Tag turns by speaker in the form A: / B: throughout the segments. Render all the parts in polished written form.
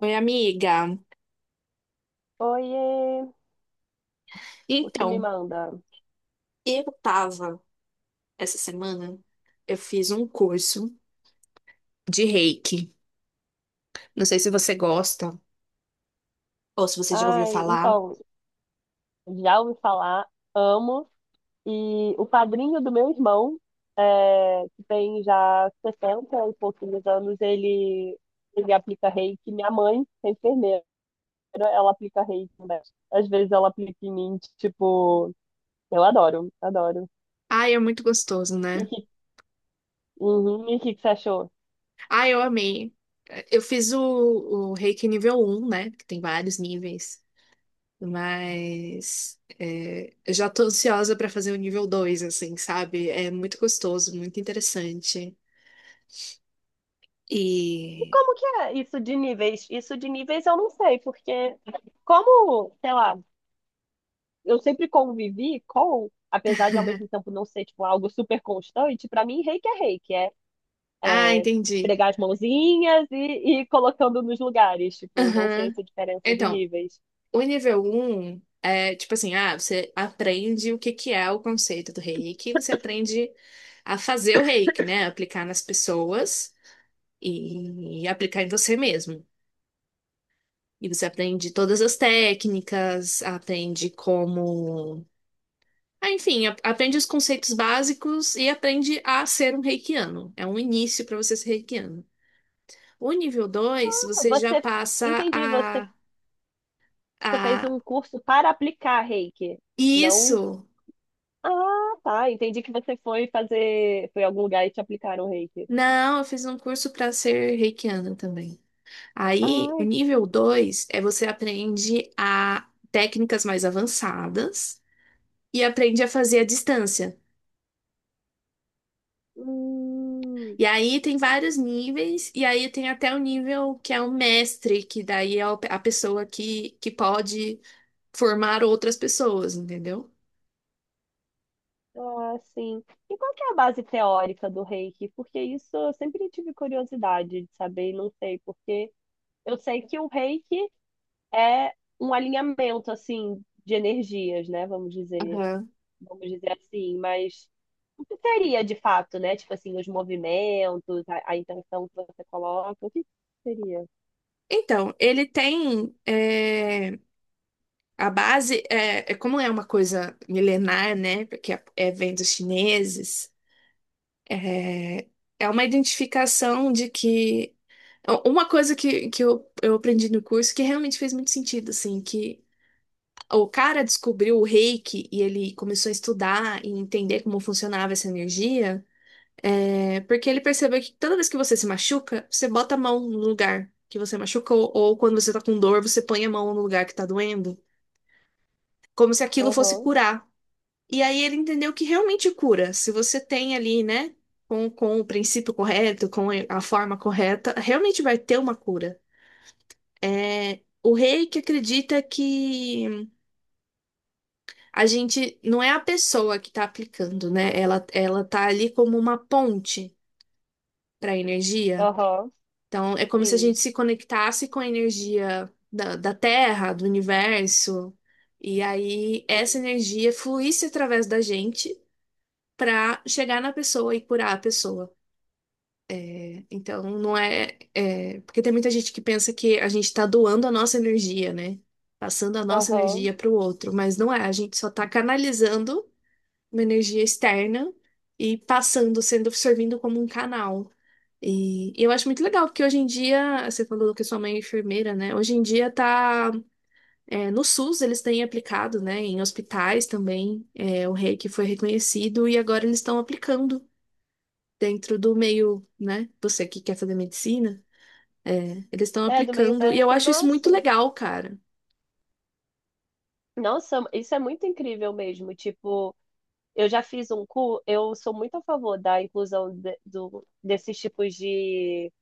A: Oi, amiga.
B: Oiê, o que me
A: Então,
B: manda?
A: eu tava essa semana, eu fiz um curso de reiki. Não sei se você gosta ou se você já ouviu
B: Ai,
A: falar.
B: então, já ouvi falar, amo. E o padrinho do meu irmão, que tem já 60 e pouquinhos anos, ele aplica reiki. Minha mãe, que é enfermeira, ela aplica reiki, né? Às vezes ela aplica em mim, tipo, eu adoro, adoro.
A: Ai, é muito gostoso,
B: E o
A: né?
B: que, uhum, e o que que você achou?
A: Ai, eu amei. Eu fiz o reiki nível um, né? Que tem vários níveis. Mas eu já tô ansiosa pra fazer o nível dois, assim, sabe? É muito gostoso, muito interessante.
B: E
A: E.
B: como que é isso de níveis? Isso de níveis eu não sei, porque como, sei lá, eu sempre convivi com, apesar de ao mesmo tempo não ser tipo algo super constante, pra mim reiki é reiki,
A: Ah,
B: é
A: entendi.
B: esfregar as mãozinhas e ir colocando nos lugares, tipo, não sei
A: Aham.
B: essa diferença de
A: Então,
B: níveis.
A: o nível um é tipo assim, ah, você aprende o que que é o conceito do reiki, você aprende a fazer o reiki, né? Aplicar nas pessoas aplicar em você mesmo. E você aprende todas as técnicas, aprende como. Ah, enfim, aprende os conceitos básicos e aprende a ser um reikiano. É um início para você ser reikiano. O nível 2
B: Ah,
A: você já
B: Você,
A: passa
B: entendi, você, você fez
A: a...
B: um curso para aplicar reiki, não...
A: Isso!
B: Ah, tá, entendi que você foi fazer, foi em algum lugar e te aplicaram reiki.
A: Não, eu fiz um curso para ser reikiana também. Aí, o
B: Ai,
A: nível 2 é você aprende a técnicas mais avançadas e aprende a fazer à distância.
B: hum.
A: E aí tem vários níveis, e aí tem até o nível que é o mestre, que daí é a pessoa que pode formar outras pessoas, entendeu?
B: Ah, sim. E qual que é a base teórica do Reiki? Porque isso eu sempre tive curiosidade de saber e não sei, porque eu sei que o Reiki é um alinhamento, assim, de energias, né? Vamos dizer,
A: Aham.
B: vamos dizer assim, mas o que seria de fato, né? Tipo assim, os movimentos, a intenção que você coloca, o que seria?
A: Então, ele tem a base, é como é uma coisa milenar, né? Porque é vem dos chineses. É, é uma identificação de que. Uma coisa que eu aprendi no curso que realmente fez muito sentido, assim, que o cara descobriu o reiki e ele começou a estudar e entender como funcionava essa energia, porque ele percebeu que toda vez que você se machuca, você bota a mão no lugar que você machucou, ou quando você tá com dor, você põe a mão no lugar que tá doendo, como se aquilo fosse
B: Aham,
A: curar. E aí ele entendeu que realmente cura. Se você tem ali, né, com o princípio correto, com a forma correta, realmente vai ter uma cura. É o rei que acredita que a gente não é a pessoa que está aplicando, né? Ela tá ali como uma ponte para a energia.
B: aham,
A: Então é como se a
B: sim,
A: gente se conectasse com a energia da Terra, do universo, e aí essa
B: sim,
A: energia fluísse através da gente para chegar na pessoa e curar a pessoa. Então, não é, é- porque tem muita gente que pensa que a gente está doando a nossa energia, né? Passando a nossa
B: aham.
A: energia para o outro, mas não é. A gente só está canalizando uma energia externa e passando, sendo, servindo como um canal. E eu acho muito legal, porque hoje em dia, você falou que sua mãe é enfermeira, né? Hoje em dia tá, é, no SUS eles têm aplicado, né? Em hospitais também, é, o reiki foi reconhecido e agora eles estão aplicando dentro do meio, né? Você que quer fazer medicina. É, eles estão
B: É, do meio
A: aplicando. E eu
B: médico,
A: acho isso
B: nossa.
A: muito legal, cara.
B: Nossa, isso é muito incrível mesmo, tipo... Eu já fiz um curso, eu sou muito a favor da inclusão de- do, desses tipos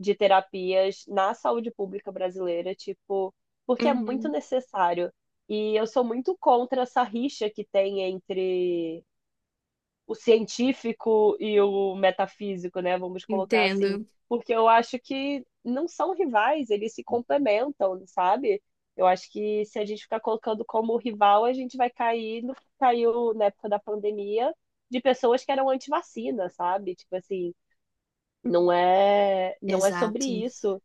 B: de terapias na saúde pública brasileira, tipo, porque é muito
A: Uhum,
B: necessário. E eu sou muito contra essa rixa que tem entre o científico e o metafísico, né? Vamos colocar assim,
A: entendo.
B: porque eu acho que não são rivais, eles se complementam, sabe? Eu acho que se a gente ficar colocando como rival, a gente vai cair no que caiu na época da pandemia de pessoas que eram anti-vacina, sabe? Tipo assim, não é sobre
A: Exato.
B: isso,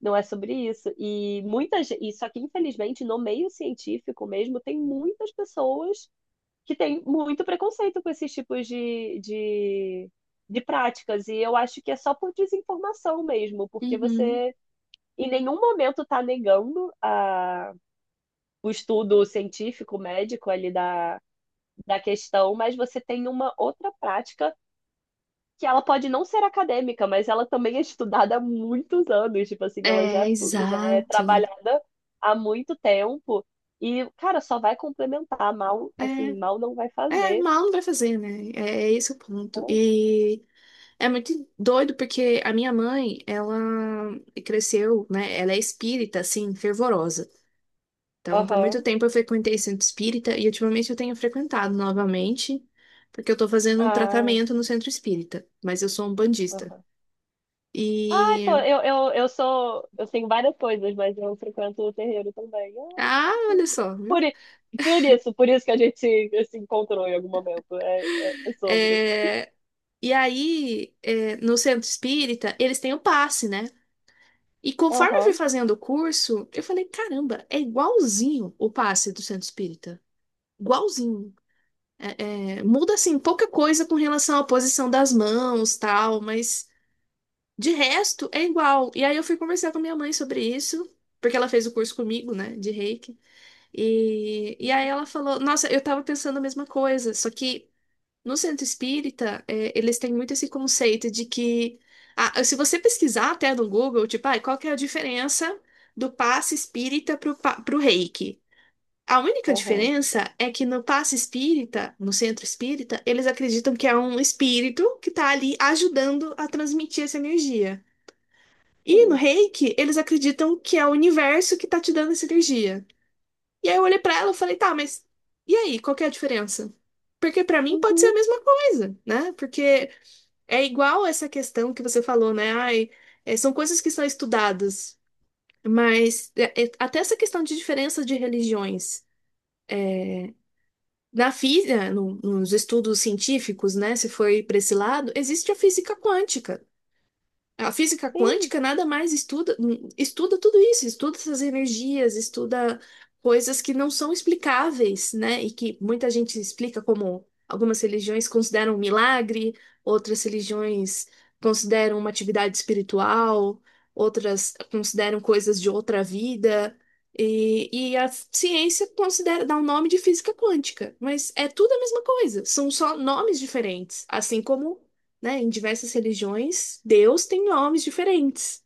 B: não é sobre isso. E muitas, e só que infelizmente no meio científico mesmo tem muitas pessoas que tem muito preconceito com esses tipos de práticas. E eu acho que é só por desinformação mesmo, porque
A: Uhum.
B: você em nenhum momento está negando a, o estudo científico, médico ali da questão, mas você tem uma outra prática que ela pode não ser acadêmica, mas ela também é estudada há muitos anos, tipo assim, ela
A: É,
B: já é
A: exato.
B: trabalhada há muito tempo e, cara, só vai complementar, mal,
A: É,
B: assim, mal não vai
A: é,
B: fazer.
A: mal não vai fazer, né? É, é esse o ponto. E é muito doido porque a minha mãe, ela cresceu, né? Ela é espírita, assim, fervorosa. Então, por muito
B: Aham.
A: tempo eu frequentei centro espírita e ultimamente eu tenho frequentado novamente, porque eu tô fazendo um
B: Ah,
A: tratamento no centro espírita, mas eu sou um bandista.
B: aham. Ai, pô, eu sou. Eu tenho várias coisas, mas eu frequento o terreiro também. Ah,
A: Ah,
B: que
A: olha
B: tudo.
A: só,
B: Por,
A: viu?
B: i- por isso que a gente se encontrou em algum momento. É sobre.
A: É, e aí, é, no centro espírita, eles têm o passe, né? E conforme eu fui
B: Aham,
A: fazendo o curso, eu falei, caramba, é igualzinho o passe do centro espírita. Igualzinho. Muda, assim, pouca coisa com relação à posição das mãos, tal, mas de resto é igual. E aí eu fui conversar com minha mãe sobre isso, porque ela fez o curso comigo, né, de Reiki. E aí ela falou, nossa, eu tava pensando a mesma coisa, só que. No centro espírita, é, eles têm muito esse conceito de que, se você pesquisar até no Google, tipo, ah, qual que é a diferença do passe espírita pro, pro reiki? A única
B: aham,
A: diferença é que no passe espírita, no centro espírita, eles acreditam que é um espírito que está ali ajudando a transmitir essa energia. E no
B: sim.
A: reiki, eles acreditam que é o universo que está te dando essa energia. E aí eu olhei para ela e falei, tá, mas e aí, qual que é a diferença? Porque para mim pode ser a
B: Uhum,
A: mesma coisa, né? Porque é igual essa questão que você falou, né? Ai, é, são coisas que são estudadas, mas até essa questão de diferença de religiões. Na física, nos estudos científicos, né? Se foi para esse lado, existe a física quântica. A física
B: sim.
A: quântica nada mais estuda, estuda tudo isso, estuda essas energias, estuda coisas que não são explicáveis, né? E que muita gente explica como algumas religiões consideram um milagre, outras religiões consideram uma atividade espiritual, outras consideram coisas de outra vida. E a ciência considera, dá o nome de física quântica, mas é tudo a mesma coisa, são só nomes diferentes, assim como, né, em diversas religiões, Deus tem nomes diferentes,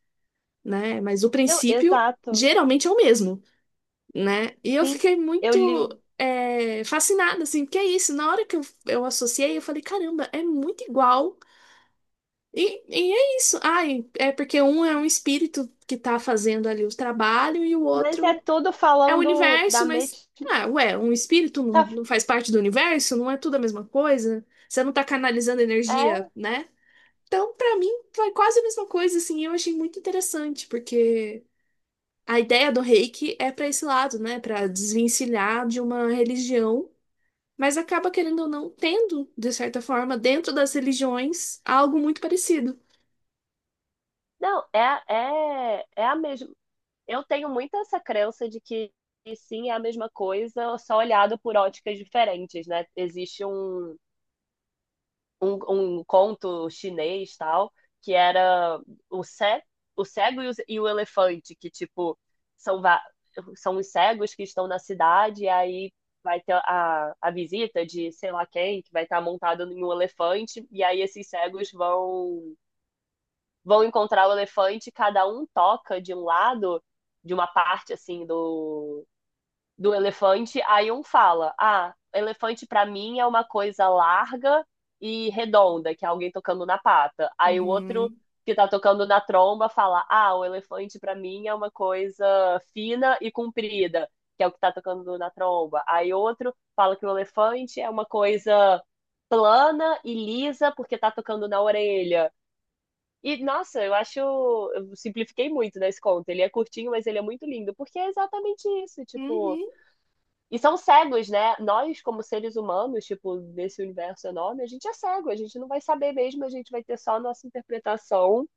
A: né? Mas o
B: Não,
A: princípio
B: exato.
A: geralmente é o mesmo, né? E eu
B: Sim,
A: fiquei
B: eu
A: muito
B: li.
A: fascinada, assim, porque é isso. Na hora que eu associei, eu falei, caramba, é muito igual. E é isso. Ai, é porque um é um espírito que tá fazendo ali o trabalho e o
B: Mas é
A: outro
B: tudo
A: é o
B: falando
A: universo,
B: da mesma.
A: mas. Ah, ué, um espírito
B: Tá-
A: não faz parte do universo? Não é tudo a mesma coisa? Você não tá canalizando
B: É,
A: energia, né? Então, pra mim, foi quase a mesma coisa, assim, eu achei muito interessante, porque a ideia do Reiki é pra esse lado, né, pra desvencilhar de uma religião, mas acaba querendo ou não tendo, de certa forma, dentro das religiões, algo muito parecido.
B: não, é, é, é a mesma. Eu tenho muito essa crença de que sim, é a mesma coisa, só olhado por óticas diferentes, né? Existe um conto chinês, tal, que era o, ce, o cego e o elefante, que, tipo, são, va- são os cegos que estão na cidade, e aí vai ter a visita de sei lá quem, que vai estar montado em um elefante, e aí esses cegos vão encontrar o elefante, cada um toca de um lado, de uma parte, assim, do do elefante, aí um fala: "Ah, elefante pra mim é uma coisa larga e redonda, que é alguém tocando na pata". Aí o outro
A: Uhum.
B: que tá tocando na tromba fala: "Ah, o elefante pra mim é uma coisa fina e comprida", que é o que tá tocando na tromba. Aí outro fala que o elefante é uma coisa plana e lisa porque tá tocando na orelha. E, nossa, eu acho. Eu simplifiquei muito nesse conto. Ele é curtinho, mas ele é muito lindo, porque é exatamente isso. Tipo,
A: Uhum.
B: e são cegos, né? Nós, como seres humanos, tipo, nesse universo enorme, a gente é cego, a gente não vai saber mesmo, a gente vai ter só a nossa interpretação.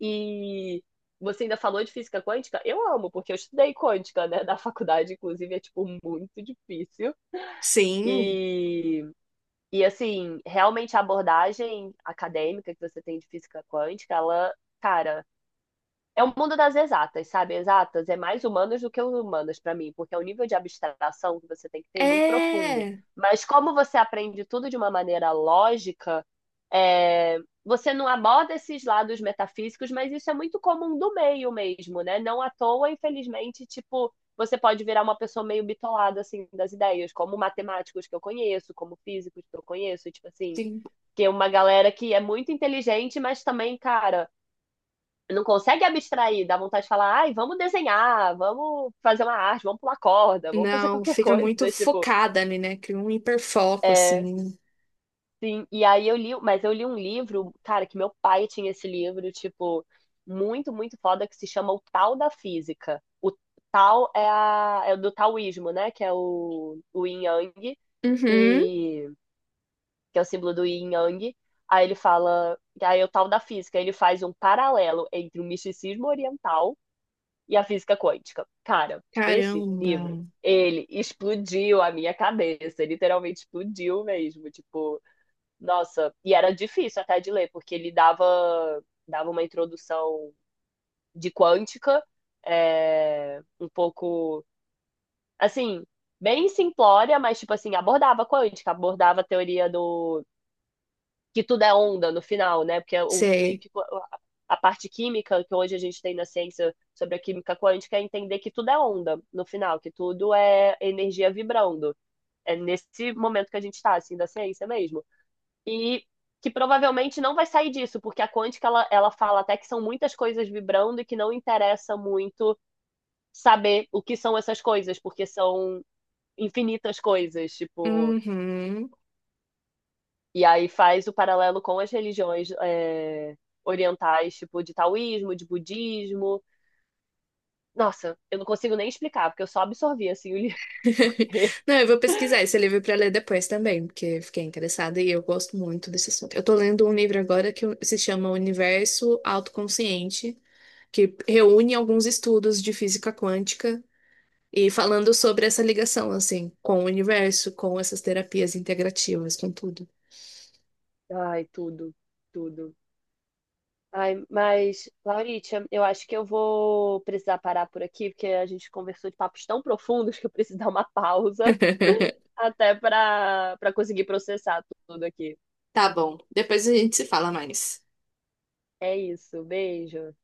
B: E você ainda falou de física quântica? Eu amo, porque eu estudei quântica, né, da faculdade, inclusive, é, tipo, muito difícil.
A: Sim,
B: E, e assim, realmente a abordagem acadêmica que você tem de física quântica, ela, cara, é o mundo das exatas, sabe? Exatas é mais humanas do que humanas para mim, porque é um nível de abstração que você tem que ter muito profundo.
A: é,
B: Mas como você aprende tudo de uma maneira lógica, é, você não aborda esses lados metafísicos, mas isso é muito comum do meio mesmo, né? Não à toa, infelizmente, tipo, você pode virar uma pessoa meio bitolada, assim, das ideias, como matemáticos que eu conheço, como físicos que eu conheço, tipo assim,
A: sim.
B: que é uma galera que é muito inteligente, mas também, cara, não consegue abstrair, dá vontade de falar, ai, vamos desenhar, vamos fazer uma arte, vamos pular corda, vamos fazer
A: Não,
B: qualquer
A: fica
B: coisa,
A: muito
B: tipo,
A: focada ali, né? Cria um hiperfoco,
B: é,
A: assim.
B: sim, e aí eu li, mas eu li um livro, cara, que meu pai tinha esse livro, tipo, muito, muito foda, que se chama O Tal da Física. O Tal é do taoísmo, né, que é o Yin Yang,
A: Uhum.
B: e, que é o símbolo do Yin Yang, aí ele fala, aí é o Tal da Física, ele faz um paralelo entre o misticismo oriental e a física quântica. Cara, esse
A: Caramba.
B: livro, ele explodiu a minha cabeça, literalmente explodiu mesmo, tipo, nossa, e era difícil até de ler, porque ele dava uma introdução de quântica, é, um pouco, assim, bem simplória, mas, tipo assim, abordava quântica, abordava a teoria do, que tudo é onda no final, né? Porque é o, meio
A: Sei.
B: que a parte química que hoje a gente tem na ciência sobre a química quântica é entender que tudo é onda no final, que tudo é energia vibrando. É nesse momento que a gente está, assim, da ciência mesmo. E que provavelmente não vai sair disso, porque a quântica ela fala até que são muitas coisas vibrando e que não interessa muito saber o que são essas coisas, porque são infinitas coisas, tipo,
A: Uhum.
B: e aí faz o paralelo com as religiões é, orientais, tipo de taoísmo, de budismo. Nossa, eu não consigo nem explicar, porque eu só absorvi assim o livro.
A: Não, eu vou pesquisar esse livro para ler depois também, porque fiquei interessada e eu gosto muito desse assunto. Eu tô lendo um livro agora que se chama Universo Autoconsciente, que reúne alguns estudos de física quântica e falando sobre essa ligação, assim, com o universo, com essas terapias integrativas, com tudo.
B: Ai, tudo, tudo. Ai, mas, Lauritia, eu acho que eu vou precisar parar por aqui, porque a gente conversou de papos tão profundos que eu preciso dar uma pausa até para conseguir processar tudo aqui.
A: Tá bom, depois a gente se fala mais.
B: É isso, beijo.